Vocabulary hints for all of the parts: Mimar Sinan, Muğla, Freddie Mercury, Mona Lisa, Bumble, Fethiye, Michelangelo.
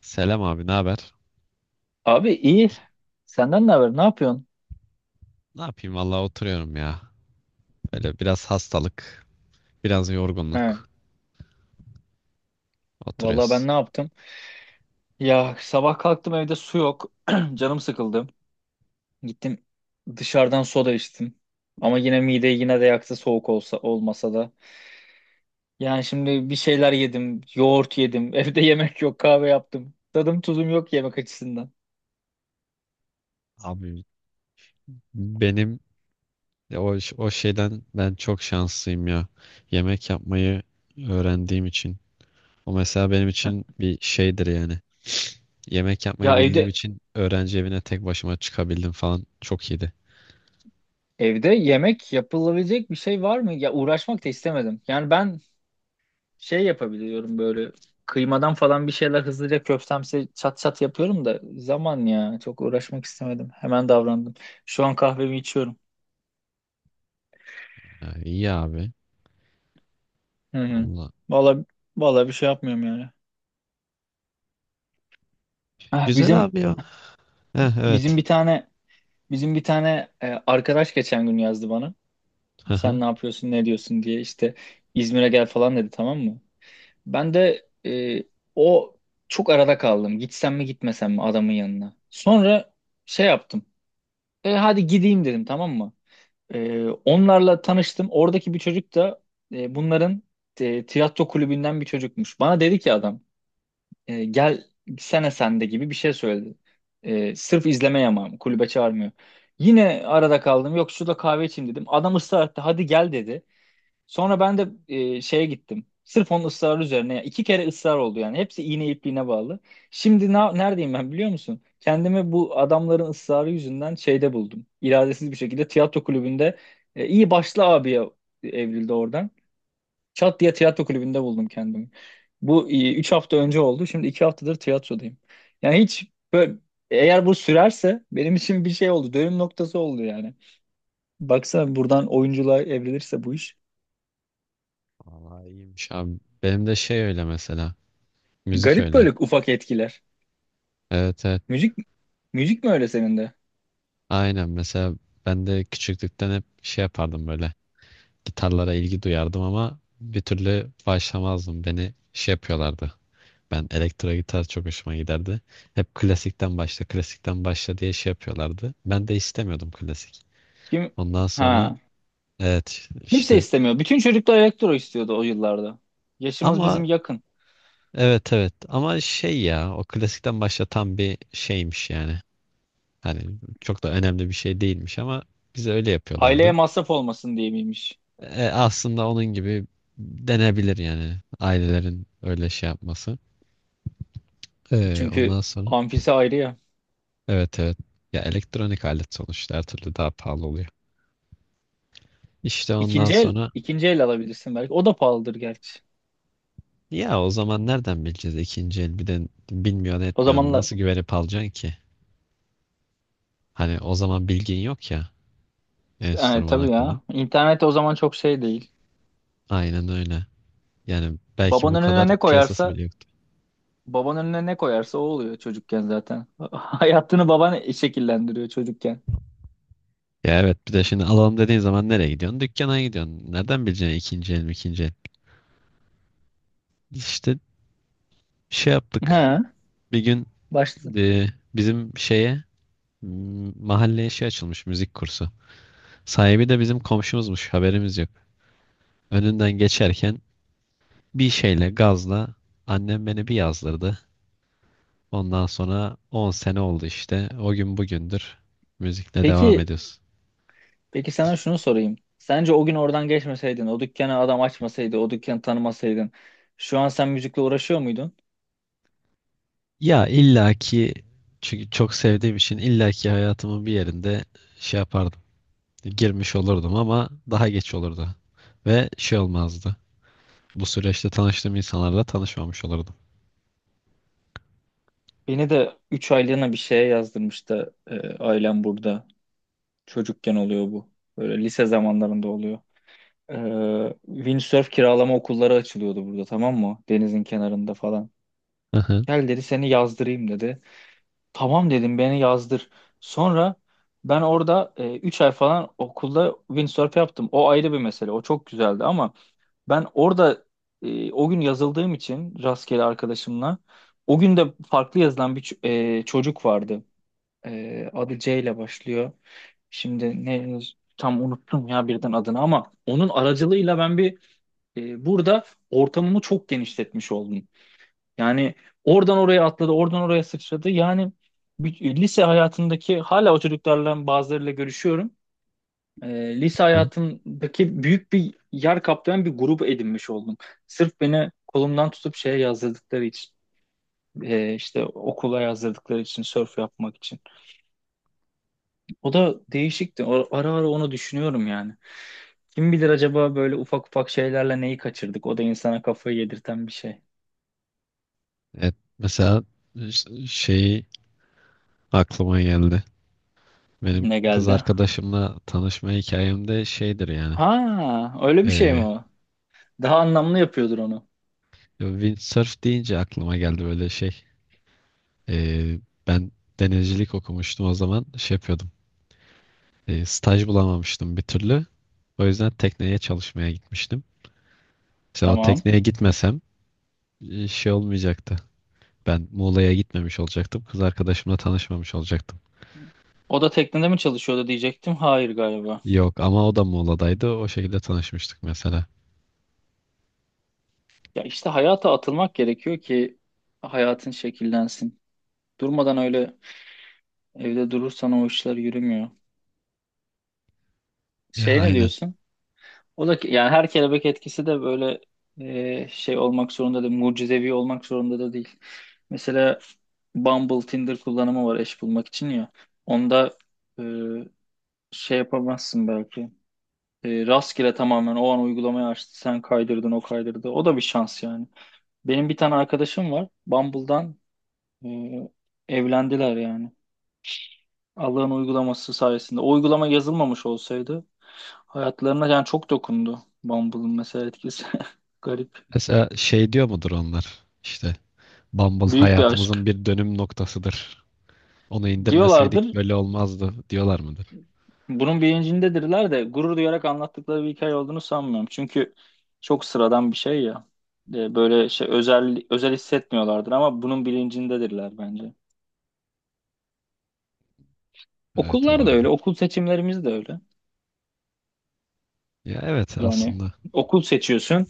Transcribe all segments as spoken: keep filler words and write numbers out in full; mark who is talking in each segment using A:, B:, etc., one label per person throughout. A: Selam abi, ne haber?
B: Abi iyi. Senden ne haber? Ne yapıyorsun?
A: Ne yapayım vallahi oturuyorum ya. Böyle biraz hastalık, biraz
B: He.
A: yorgunluk.
B: Vallahi ben
A: Oturuyoruz.
B: ne yaptım? Ya sabah kalktım, evde su yok. Canım sıkıldı. Gittim, dışarıdan soda içtim. Ama yine mideyi yine de yaktı, soğuk olsa olmasa da. Yani şimdi bir şeyler yedim. Yoğurt yedim. Evde yemek yok. Kahve yaptım. Tadım tuzum yok yemek açısından.
A: Abi benim o o şeyden ben çok şanslıyım ya. Yemek yapmayı öğrendiğim için. O mesela benim
B: Heh.
A: için bir şeydir yani. Yemek yapmayı
B: Ya
A: bildiğim
B: evde
A: için öğrenci evine tek başıma çıkabildim falan. Çok iyiydi.
B: evde yemek yapılabilecek bir şey var mı? Ya uğraşmak da istemedim. Yani ben şey yapabiliyorum, böyle kıymadan falan bir şeyler hızlıca köftemsi çat çat yapıyorum da, zaman ya, çok uğraşmak istemedim. Hemen davrandım. Şu an kahvemi içiyorum.
A: Ha, iyi abi.
B: Hı hı.
A: Allah.
B: Vallahi vallahi bir şey yapmıyorum yani. Ah,
A: Güzel
B: bizim
A: abi ya. Heh,
B: bizim
A: evet.
B: bir tane bizim bir tane e, arkadaş geçen gün yazdı bana.
A: Hı hı.
B: Sen ne yapıyorsun, ne diyorsun diye, işte İzmir'e gel falan dedi, tamam mı? Ben de e, o çok arada kaldım. Gitsem mi gitmesem mi adamın yanına? Sonra şey yaptım. E hadi gideyim dedim, tamam mı? Ee, onlarla tanıştım. Oradaki bir çocuk da e, bunların e, tiyatro kulübünden bir çocukmuş. Bana dedi ki adam e, gel, sene sende gibi bir şey söyledi. E, sırf izlemeye yamağım, kulübe çağırmıyor. Yine arada kaldım. Yok şurada kahve içeyim dedim. Adam ısrar etti. Hadi gel dedi. Sonra ben de e, şeye gittim. Sırf onun ısrarı üzerine. Yani iki kere ısrar oldu yani. Hepsi iğne ipliğine bağlı. Şimdi na- neredeyim ben, biliyor musun? Kendimi bu adamların ısrarı yüzünden şeyde buldum. İradesiz bir şekilde tiyatro kulübünde e, iyi başlı abiye evrildi oradan. Çat diye tiyatro kulübünde buldum kendimi. Bu e, üç hafta önce oldu. Şimdi iki haftadır tiyatrodayım. Yani hiç böyle, eğer bu sürerse benim için bir şey oldu. Dönüm noktası oldu yani. Baksana, buradan oyunculuğa evrilirse bu iş.
A: Vallahi iyiymiş abi. Benim de şey öyle mesela. Müzik
B: Garip
A: öyle.
B: böyle ufak etkiler.
A: Evet, evet.
B: Müzik müzik mi öyle senin de?
A: Aynen mesela ben de küçüklükten hep şey yapardım böyle. Gitarlara ilgi duyardım ama bir türlü başlamazdım. Beni şey yapıyorlardı. Ben elektro gitar çok hoşuma giderdi. Hep klasikten başla, klasikten başla diye şey yapıyorlardı. Ben de istemiyordum klasik.
B: Kim
A: Ondan sonra
B: ha
A: evet
B: kimse
A: işte
B: istemiyor. Bütün çocuklar elektro istiyordu o yıllarda. Yaşımız
A: ama
B: bizim yakın.
A: evet evet ama şey ya o klasikten başlatan bir şeymiş yani. Hani çok da önemli bir şey değilmiş ama bize öyle
B: Aileye
A: yapıyorlardı.
B: masraf olmasın diye miymiş?
A: E, aslında onun gibi denebilir yani ailelerin öyle şey yapması. E,
B: Çünkü
A: ondan sonra
B: amfisi ayrı ya.
A: evet evet ya elektronik alet sonuçta her türlü daha pahalı oluyor. İşte ondan
B: İkinci el
A: sonra
B: ikinci el alabilirsin belki. O da pahalıdır gerçi.
A: ya o zaman nereden bileceğiz ikinci el, bir de bilmiyorsun
B: O
A: etmiyorsun,
B: zamanlar
A: nasıl güvenip alacaksın ki? Hani o zaman bilgin yok ya
B: işte, yani
A: enstrüman
B: tabii
A: hakkında.
B: ya. İnternet o zaman çok şey değil.
A: Aynen öyle. Yani belki bu
B: Babanın
A: kadar
B: önüne ne
A: piyasası
B: koyarsa
A: bile yoktu.
B: babanın önüne ne koyarsa o oluyor çocukken zaten. Hayatını baban şekillendiriyor çocukken.
A: Ya evet, bir de şimdi alalım dediğin zaman nereye gidiyorsun? Dükkana gidiyorsun. Nereden bileceksin ikinci el mi ikinci el? İşte şey yaptık.
B: Ha,
A: Bir gün
B: başta.
A: e, bizim şeye m- mahalleye şey açılmış müzik kursu. Sahibi de bizim komşumuzmuş, haberimiz yok. Önünden geçerken bir şeyle gazla annem beni bir yazdırdı. Ondan sonra on sene oldu işte. O gün bugündür müzikle devam
B: Peki
A: ediyoruz.
B: Peki sana şunu sorayım. Sence o gün oradan geçmeseydin, o dükkanı adam açmasaydı, o dükkanı tanımasaydın, şu an sen müzikle uğraşıyor muydun?
A: Ya illaki, çünkü çok sevdiğim için illaki hayatımın bir yerinde şey yapardım. Girmiş olurdum ama daha geç olurdu. Ve şey olmazdı. Bu süreçte tanıştığım insanlarla tanışmamış olurdum.
B: Beni de üç aylığına bir şeye yazdırmıştı e, ailem, burada. Çocukken oluyor bu. Böyle lise zamanlarında oluyor. E, Windsurf kiralama okulları açılıyordu burada, tamam mı? Denizin kenarında falan.
A: Hı hı,
B: Gel dedi, seni yazdırayım dedi. Tamam dedim, beni yazdır. Sonra ben orada e, üç ay falan okulda windsurf yaptım. O ayrı bir mesele. O çok güzeldi ama ben orada e, o gün yazıldığım için rastgele, arkadaşımla o gün de farklı yazılan bir ç- e, çocuk vardı. E, adı C ile başlıyor. Şimdi ne, tam unuttum ya birden adını, ama onun aracılığıyla ben bir e, burada ortamımı çok genişletmiş oldum. Yani oradan oraya atladı, oradan oraya sıçradı. Yani bir- e, lise hayatındaki hala o çocuklarla, bazılarıyla görüşüyorum, e, lise
A: hı.
B: hayatımdaki büyük bir yer kaplayan bir grup edinmiş oldum. Sırf beni kolumdan tutup şeye yazdırdıkları için, e, işte okula yazdırdıkları için, sörf yapmak için. O da değişikti. O- Ara ara onu düşünüyorum yani. Kim bilir acaba böyle ufak ufak şeylerle neyi kaçırdık? O da insana kafayı yedirten bir şey.
A: Evet, mesela ş- şey aklıma geldi. Benim
B: Ne
A: kız
B: geldi?
A: arkadaşımla tanışma hikayemde şeydir yani.
B: Ha, öyle bir şey mi
A: E,
B: o? Daha anlamlı yapıyordur onu.
A: Windsurf deyince aklıma geldi böyle şey. E, Ben denizcilik okumuştum, o zaman şey yapıyordum. E, staj bulamamıştım bir türlü. O yüzden tekneye çalışmaya gitmiştim. Mesela o
B: Tamam.
A: tekneye gitmesem e, şey olmayacaktı. Ben Muğla'ya gitmemiş olacaktım. Kız arkadaşımla tanışmamış olacaktım.
B: O da teknede mi çalışıyordu diyecektim. Hayır galiba.
A: Yok ama o da Muğla'daydı. O şekilde tanışmıştık mesela.
B: Ya işte hayata atılmak gerekiyor ki hayatın şekillensin. Durmadan öyle evde durursan o işler yürümüyor.
A: Ya
B: Şey, ne
A: aynen.
B: diyorsun? O da ki- yani her kelebek etkisi de böyle e, şey olmak zorunda değil, mucizevi olmak zorunda da değil. Mesela Bumble, Tinder kullanımı var eş bulmak için ya. Onda e, şey yapamazsın belki. E, rastgele tamamen o an uygulamayı açtı, sen kaydırdın, o kaydırdı. O da bir şans yani. Benim bir tane arkadaşım var. Bumble'dan Ee, evlendiler yani. Allah'ın uygulaması sayesinde. O uygulama yazılmamış olsaydı hayatlarına, yani çok dokundu Bumble'ın mesela etkisi. Garip.
A: Mesela şey diyor mudur onlar? İşte Bumble
B: Büyük bir
A: hayatımızın
B: aşk.
A: bir dönüm noktasıdır. Onu indirmeseydik
B: Diyorlardır.
A: böyle olmazdı diyorlar mıdır?
B: Bunun bilincindedirler de, gurur duyarak anlattıkları bir hikaye olduğunu sanmıyorum. Çünkü çok sıradan bir şey ya. Ee, Böyle şey özel özel hissetmiyorlardır, ama bunun bilincindedirler bence.
A: Evet,
B: Okullar da öyle.
A: olabilir.
B: Okul seçimlerimiz de öyle.
A: Ya evet
B: Yani
A: aslında.
B: okul seçiyorsun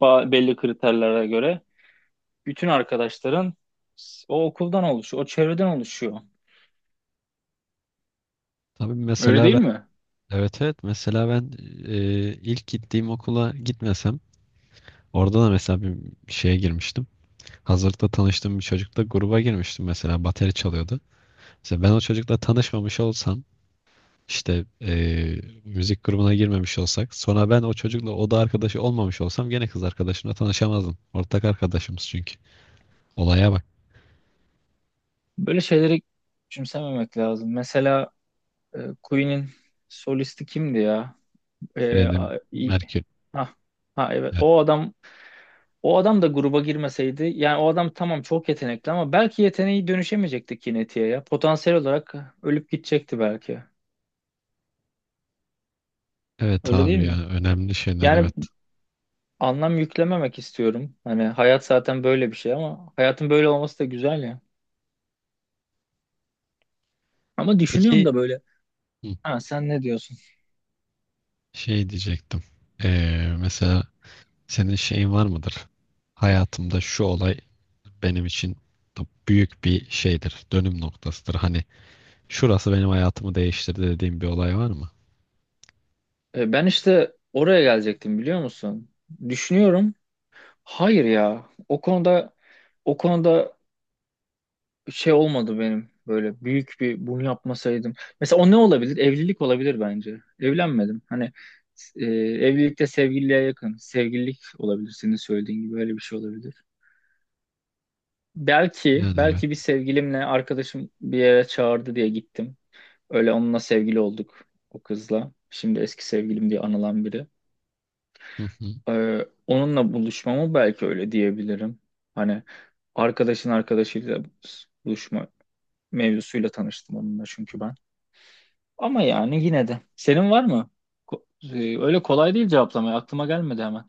B: ba- belli kriterlere göre. Bütün arkadaşların o okuldan oluşuyor, o çevreden oluşuyor.
A: Tabii
B: Öyle
A: mesela
B: değil
A: ben
B: mi?
A: evet evet mesela ben e, ilk gittiğim okula gitmesem, orada da mesela bir şeye girmiştim. Hazırda tanıştığım bir çocukla gruba girmiştim, mesela bateri çalıyordu. Mesela ben o çocukla tanışmamış olsam, İşte eee, müzik grubuna girmemiş olsak, sonra ben o çocukla oda arkadaşı olmamış olsam gene kız arkadaşımla tanışamazdım. Ortak arkadaşımız çünkü. Olaya bak.
B: Böyle şeyleri küçümsememek lazım. Mesela e, Queen'in solisti kimdi ya? E,
A: Freddie
B: a- i-
A: Mercury.
B: ha, ha evet.
A: E-
B: O adam o adam da gruba girmeseydi, yani o adam tamam çok yetenekli ama belki yeteneği dönüşemeyecekti Kineti'ye ya. Potansiyel olarak ölüp gidecekti belki.
A: Evet
B: Öyle değil
A: abi ya,
B: mi?
A: önemli şeyler,
B: Yani
A: evet.
B: anlam yüklememek istiyorum. Hani hayat zaten böyle bir şey, ama hayatın böyle olması da güzel ya. Ama düşünüyorum
A: Peki
B: da böyle.
A: hı,
B: Ha, sen ne diyorsun?
A: şey diyecektim. Eee, mesela senin şeyin var mıdır? Hayatımda şu olay benim için da büyük bir şeydir. Dönüm noktasıdır. Hani şurası benim hayatımı değiştirdi dediğim bir olay var mı?
B: E, ben işte oraya gelecektim, biliyor musun? Düşünüyorum. Hayır ya. O konuda o konuda şey olmadı benim. Böyle büyük bir, bunu yapmasaydım. Mesela o ne olabilir? Evlilik olabilir bence. Evlenmedim. Hani e, evlilikte sevgililiğe yakın. Sevgililik olabilir senin söylediğin gibi. Öyle bir şey olabilir. Belki
A: Yani
B: belki bir
A: evet.
B: sevgilimle, arkadaşım bir yere çağırdı diye gittim. Öyle onunla sevgili olduk, o kızla. Şimdi eski sevgilim diye anılan biri.
A: Hı hı.
B: Ee, onunla buluşmama belki öyle diyebilirim. Hani arkadaşın arkadaşıyla buluşma mevzusuyla tanıştım onunla, çünkü ben. Ama yani yine de. Senin var mı? Ko- e, öyle kolay değil cevaplamaya. Aklıma gelmedi hemen.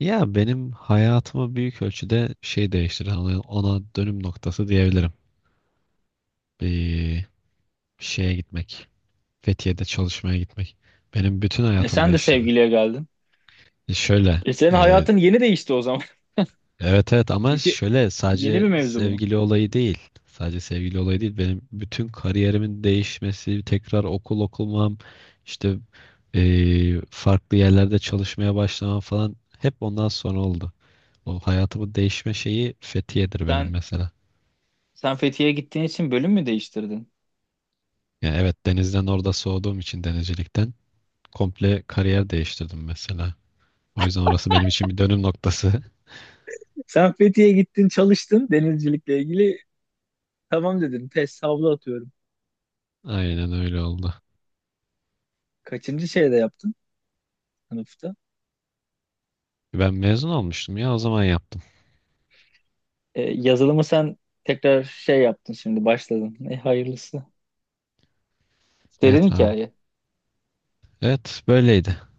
A: Ya benim hayatımı büyük ölçüde şey değiştiren ona, ona dönüm noktası diyebilirim. Bir şeye gitmek. Fethiye'de çalışmaya gitmek. Benim bütün
B: E,
A: hayatımı
B: sen de
A: değiştirdi.
B: sevgiliye geldin.
A: E şöyle,
B: E, senin
A: e,
B: hayatın yeni değişti o zaman.
A: evet evet ama
B: Çünkü
A: şöyle,
B: yeni
A: sadece
B: bir mevzu bu.
A: sevgili olayı değil. Sadece sevgili olayı değil. Benim bütün kariyerimin değişmesi, tekrar okul okumam, işte e, farklı yerlerde çalışmaya başlamam falan hep ondan sonra oldu. O hayatımı değişme şeyi Fethiye'dir benim
B: Sen
A: mesela.
B: sen Fethiye'ye gittiğin için bölüm mü değiştirdin?
A: Yani evet, denizden orada soğuduğum için denizcilikten komple kariyer değiştirdim mesela. O yüzden orası benim için bir dönüm noktası.
B: Sen Fethiye'ye gittin, çalıştın denizcilikle ilgili. Tamam dedin. Test, havlu atıyorum.
A: Aynen öyle oldu.
B: Kaçıncı şeyde yaptın? Sınıfta?
A: Ben mezun olmuştum ya, o zaman yaptım.
B: E, yazılımı sen tekrar şey yaptın, şimdi başladın. E, hayırlısı. Serin
A: Evet abi.
B: hikaye.
A: Evet, böyleydi.